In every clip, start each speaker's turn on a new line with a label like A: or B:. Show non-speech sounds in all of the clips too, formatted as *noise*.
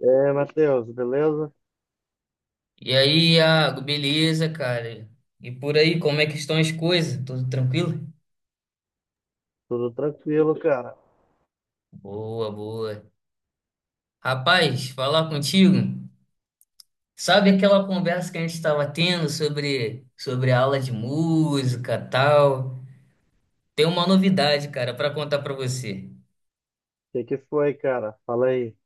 A: É, aí, Matheus, beleza?
B: E aí, Iago, beleza, cara? E por aí, como é que estão as coisas? Tudo tranquilo?
A: Tudo tranquilo, cara.
B: Boa, boa. Rapaz, falar contigo. Sabe aquela conversa que a gente estava tendo sobre a aula de música, tal? Tem uma novidade, cara, para contar para você.
A: O que que foi, cara? Fala aí.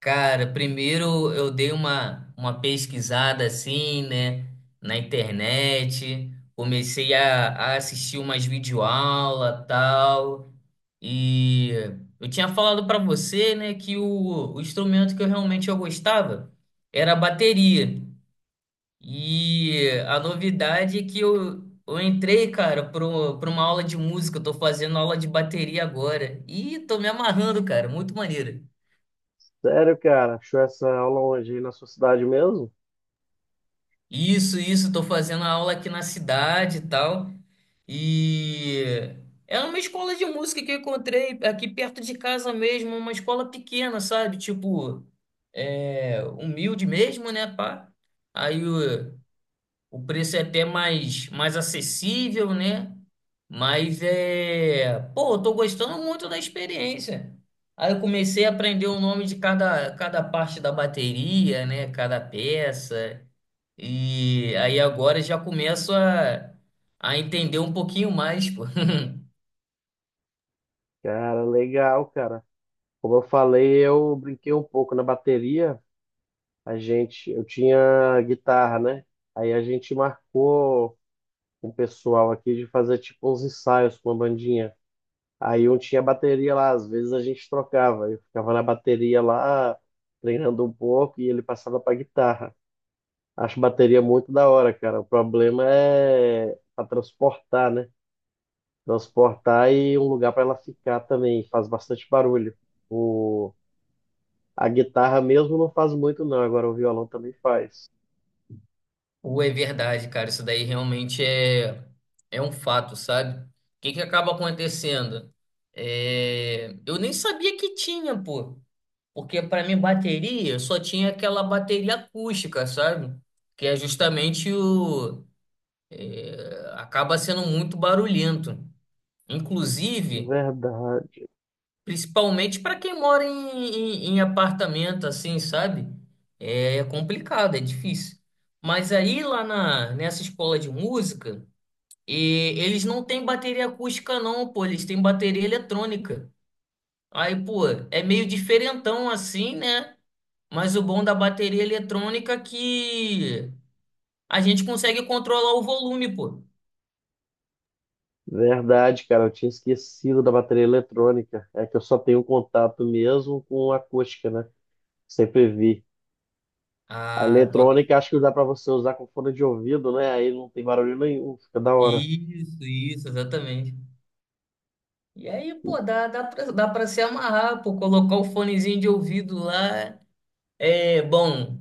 B: Cara, primeiro eu dei uma pesquisada assim, né, na internet. Comecei a assistir umas videoaulas, tal. E eu tinha falado para você, né, que o instrumento que eu realmente eu gostava era a bateria. E a novidade é que eu entrei, cara, para uma aula de música. Eu tô fazendo aula de bateria agora. E tô me amarrando, cara, muito maneiro.
A: Sério, cara? Achou essa aula hoje aí na sua cidade mesmo?
B: Isso, tô fazendo a aula aqui na cidade e tal. E era uma escola de música que eu encontrei aqui perto de casa mesmo, uma escola pequena, sabe? Tipo, é, humilde mesmo, né, pá? Aí o preço é até mais, mais acessível, né? Mas é, pô, eu tô gostando muito da experiência. Aí eu comecei a aprender o nome de cada, cada parte da bateria, né? Cada peça. E aí agora já começo a entender um pouquinho mais, pô. *laughs*
A: Cara, legal, cara. Como eu falei, eu brinquei um pouco na bateria. A gente, eu tinha guitarra, né? Aí a gente marcou com o pessoal aqui de fazer tipo uns ensaios com a bandinha. Aí um tinha bateria lá, às vezes a gente trocava. Eu ficava na bateria lá, treinando um pouco e ele passava pra guitarra. Acho bateria muito da hora, cara. O problema é para transportar, né? Transportar e um lugar para ela ficar também. Faz bastante barulho. O... A guitarra mesmo não faz muito, não. Agora o violão também faz.
B: Ou é verdade, cara, isso daí realmente é, é um fato, sabe? O que que acaba acontecendo? É, eu nem sabia que tinha, pô. Porque pra mim bateria, eu só tinha aquela bateria acústica, sabe? Que é justamente o... é, acaba sendo muito barulhento. Inclusive...
A: Verdade,
B: Principalmente para quem mora em apartamento, assim, sabe? É é complicado, é difícil. Mas aí lá na, nessa escola de música, eles não têm bateria acústica, não, pô, eles têm bateria eletrônica. Aí, pô, é meio diferentão assim, né? Mas o bom da bateria eletrônica é que a gente consegue controlar o volume, pô.
A: verdade, cara. Eu tinha esquecido da bateria eletrônica. É que eu só tenho contato mesmo com acústica, né? Sempre vi. A
B: Ah, bota.
A: eletrônica acho que dá para você usar com fone de ouvido, né? Aí não tem barulho nenhum, fica da hora.
B: Isso, exatamente. E aí, pô, dá pra se amarrar, pô, colocar o fonezinho de ouvido lá. É, bom,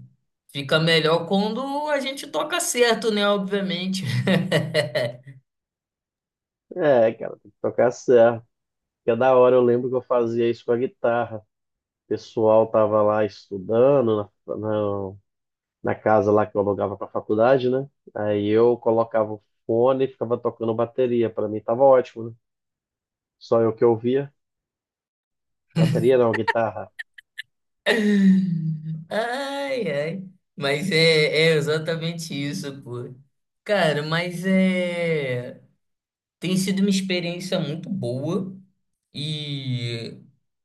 B: fica melhor quando a gente toca certo, né? Obviamente.
A: É, cara, tem que tocar certo. Que é da hora, eu lembro que eu fazia isso com a guitarra. O pessoal tava lá estudando na casa lá que eu alugava para faculdade, né? Aí eu colocava o fone e ficava tocando bateria. Para mim tava ótimo, né? Só eu que ouvia. Bateria não, guitarra.
B: *laughs* Ai, ai. Mas é, é exatamente isso, pô. Cara, mas é. Tem sido uma experiência muito boa e,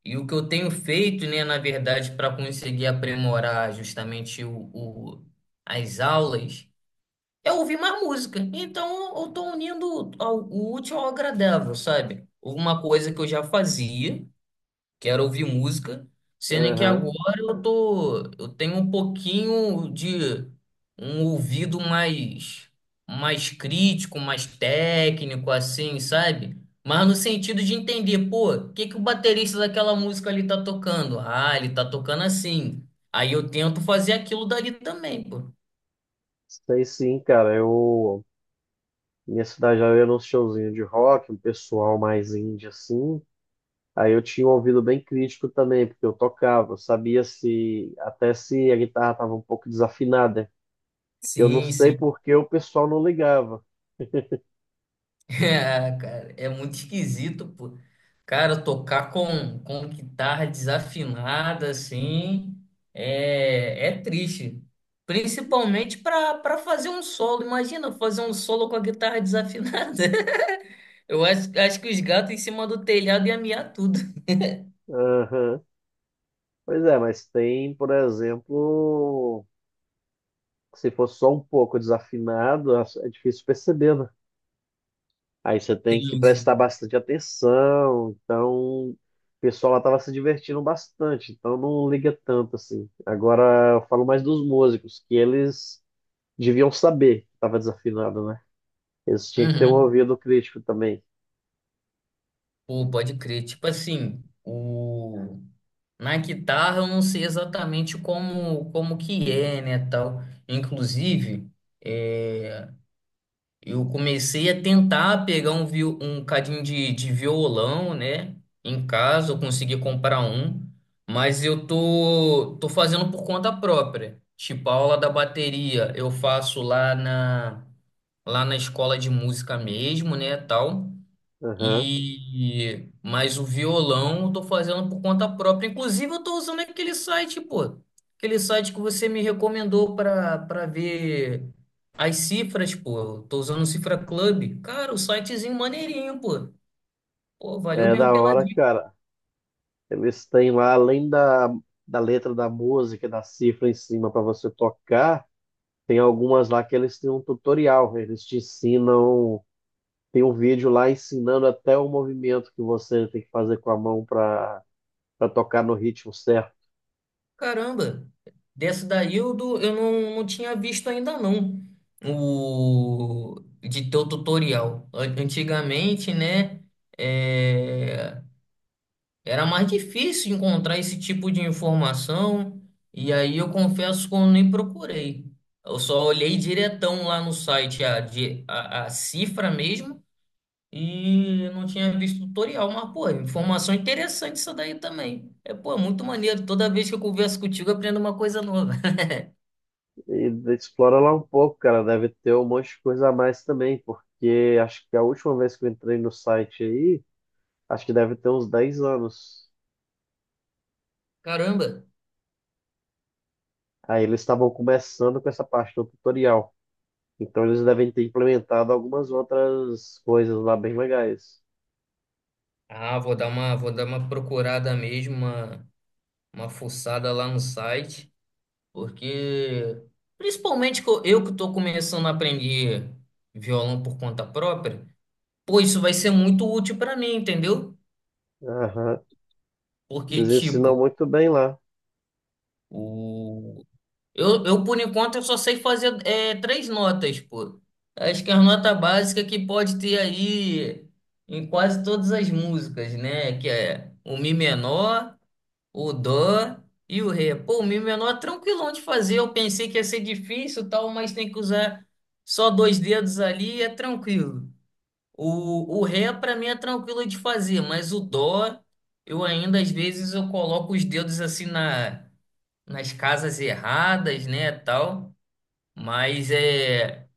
B: e o que eu tenho feito, né, na verdade, para conseguir aprimorar justamente as aulas eu ouvi uma música. Então eu tô unindo o útil ao agradável, sabe? Uma coisa que eu já fazia, que era ouvir música, sendo que
A: Aham.
B: agora eu tô, eu tenho um pouquinho de um ouvido mais crítico, mais técnico assim, sabe? Mas no sentido de entender, pô, o que que o baterista daquela música ali tá tocando? Ah, ele tá tocando assim. Aí eu tento fazer aquilo dali também, pô.
A: Sei sim, cara. Eu, minha cidade já era um showzinho de rock, um pessoal mais indie assim. Aí eu tinha um ouvido bem crítico também, porque eu tocava, eu sabia se até se a guitarra estava um pouco desafinada. Eu não
B: Sim,
A: sei
B: sim.
A: por que o pessoal não ligava.
B: É, cara, é muito esquisito, pô. Cara, tocar com guitarra desafinada, assim, é, é triste. Principalmente para fazer um solo. Imagina fazer um solo com a guitarra desafinada. *laughs* Eu acho, acho que os gatos em cima do telhado iam miar tudo.
A: Aham. Pois é, mas tem, por exemplo, se for só um pouco desafinado, é difícil perceber, né? Aí você tem que
B: Sim,
A: prestar
B: sim.
A: bastante atenção. Então, o pessoal lá estava se divertindo bastante, então não liga tanto assim. Agora eu falo mais dos músicos, que eles deviam saber que estava desafinado, né? Eles tinham que ter um
B: Uhum.
A: ouvido crítico também.
B: Pô, pode crer. Tipo assim, o... na guitarra eu não sei exatamente como, como que é, né, tal. Inclusive. É, Eu comecei a tentar pegar um, um cadinho de violão, né? Em casa, eu consegui comprar um, mas eu tô, tô fazendo por conta própria. Tipo, a aula da bateria eu faço lá na escola de música mesmo, né? Tal.
A: Aham.
B: E mas o violão eu tô fazendo por conta própria. Inclusive eu tô usando aquele site, pô. Aquele site que você me recomendou para ver as cifras, pô. Eu tô usando o Cifra Club. Cara, o sitezinho maneirinho, pô. Pô, valeu
A: É
B: mesmo
A: da
B: pela
A: hora,
B: dica.
A: cara. Eles têm lá, além da, da letra da música, da cifra em cima para você tocar, tem algumas lá que eles têm um tutorial. Eles te ensinam, tem um vídeo lá ensinando até o movimento que você tem que fazer com a mão para tocar no ritmo certo.
B: Caramba. Dessa daí eu não tinha visto ainda não. O de teu tutorial. Antigamente, né? eh, Era mais difícil encontrar esse tipo de informação, e aí eu confesso que eu nem procurei. Eu só olhei diretão lá no site a cifra mesmo e não tinha visto tutorial, mas, pô, informação interessante isso daí também. É, pô, muito maneiro. Toda vez que eu converso contigo, eu aprendo uma coisa nova. *laughs*
A: E explora lá um pouco, cara. Deve ter um monte de coisa a mais também, porque acho que a última vez que eu entrei no site aí, acho que deve ter uns 10 anos.
B: Caramba!
A: Aí eles estavam começando com essa parte do tutorial. Então eles devem ter implementado algumas outras coisas lá bem legais.
B: Ah, vou dar uma procurada mesmo, uma fuçada lá no site. Porque, principalmente que eu que estou começando a aprender violão por conta própria, pô, isso vai ser muito útil para mim, entendeu?
A: Aham.
B: Porque,
A: Eles ensinam
B: tipo,
A: muito bem lá.
B: o... eu, por enquanto, eu só sei fazer é, três notas, pô. Acho que é a nota básica que pode ter aí em quase todas as músicas, né? Que é o Mi menor, o Dó e o Ré. Pô, o Mi menor é tranquilão de fazer. Eu pensei que ia ser difícil, e tal, mas tem que usar só dois dedos ali e é tranquilo. O Ré para mim é tranquilo de fazer, mas o Dó eu ainda às vezes eu coloco os dedos assim na, nas casas erradas, né, tal. Mas é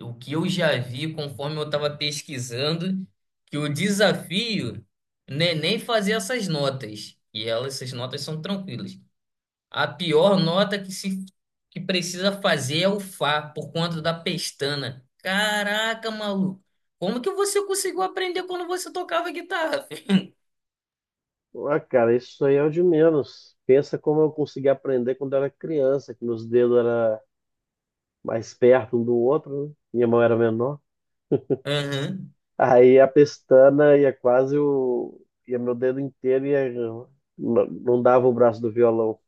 B: o que eu já vi conforme eu estava pesquisando que o desafio não é nem fazer essas notas. E elas, essas notas são tranquilas. A pior nota que se que precisa fazer é o Fá, por conta da pestana. Caraca, maluco. Como que você conseguiu aprender quando você tocava guitarra, filho?
A: Ah, cara, isso aí é o de menos. Pensa como eu consegui aprender quando era criança, que meus dedos eram mais perto um do outro, né? Minha mão era menor.
B: Aham.
A: Aí a pestana ia quase o... ia meu dedo inteiro e não dava o braço do violão.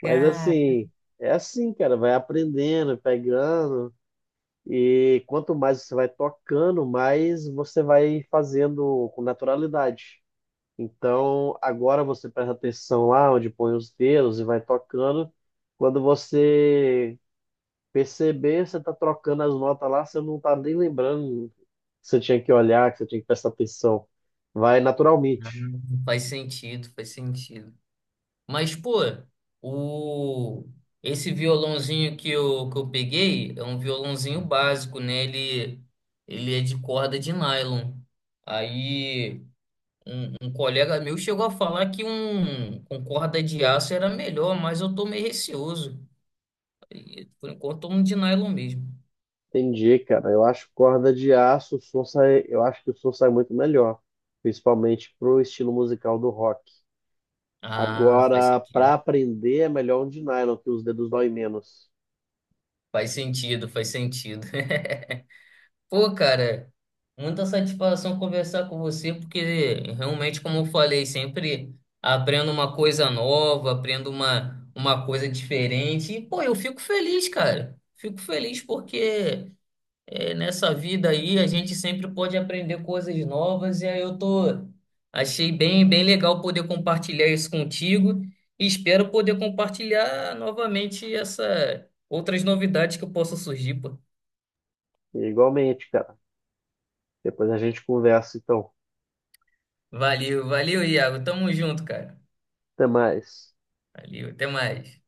A: Mas assim, é assim, cara, vai aprendendo, pegando. E quanto mais você vai tocando, mais você vai fazendo com naturalidade. Então, agora você presta atenção lá onde põe os dedos e vai tocando. Quando você perceber, você está trocando as notas lá, você não está nem lembrando que você tinha que olhar, que você tinha que prestar atenção. Vai naturalmente.
B: faz sentido, faz sentido. Mas, pô, o... esse violãozinho que eu peguei é um violãozinho básico, né? Ele é de corda de nylon. Aí. Um colega meu chegou a falar que um com corda de aço era melhor, mas eu tô meio receoso. E, por enquanto, tô um de nylon mesmo.
A: Entendi, cara. Eu acho corda de aço, o som sai, eu acho que o som sai muito melhor, principalmente pro estilo musical do rock.
B: Ah, faz
A: Agora, para
B: sentido.
A: aprender, é melhor um de nylon, que os dedos doem menos.
B: Faz sentido, faz sentido. *laughs* Pô, cara, muita satisfação conversar com você, porque realmente, como eu falei, sempre aprendo uma coisa nova, aprendo uma coisa diferente. E, pô, eu fico feliz, cara. Fico feliz porque. É, nessa vida aí a gente sempre pode aprender coisas novas e aí eu tô achei bem bem legal poder compartilhar isso contigo e espero poder compartilhar novamente essa outras novidades que possam surgir, pô.
A: E igualmente, cara. Depois a gente conversa, então.
B: Valeu, valeu, Iago. Tamo junto, cara.
A: Até mais.
B: Valeu, até mais.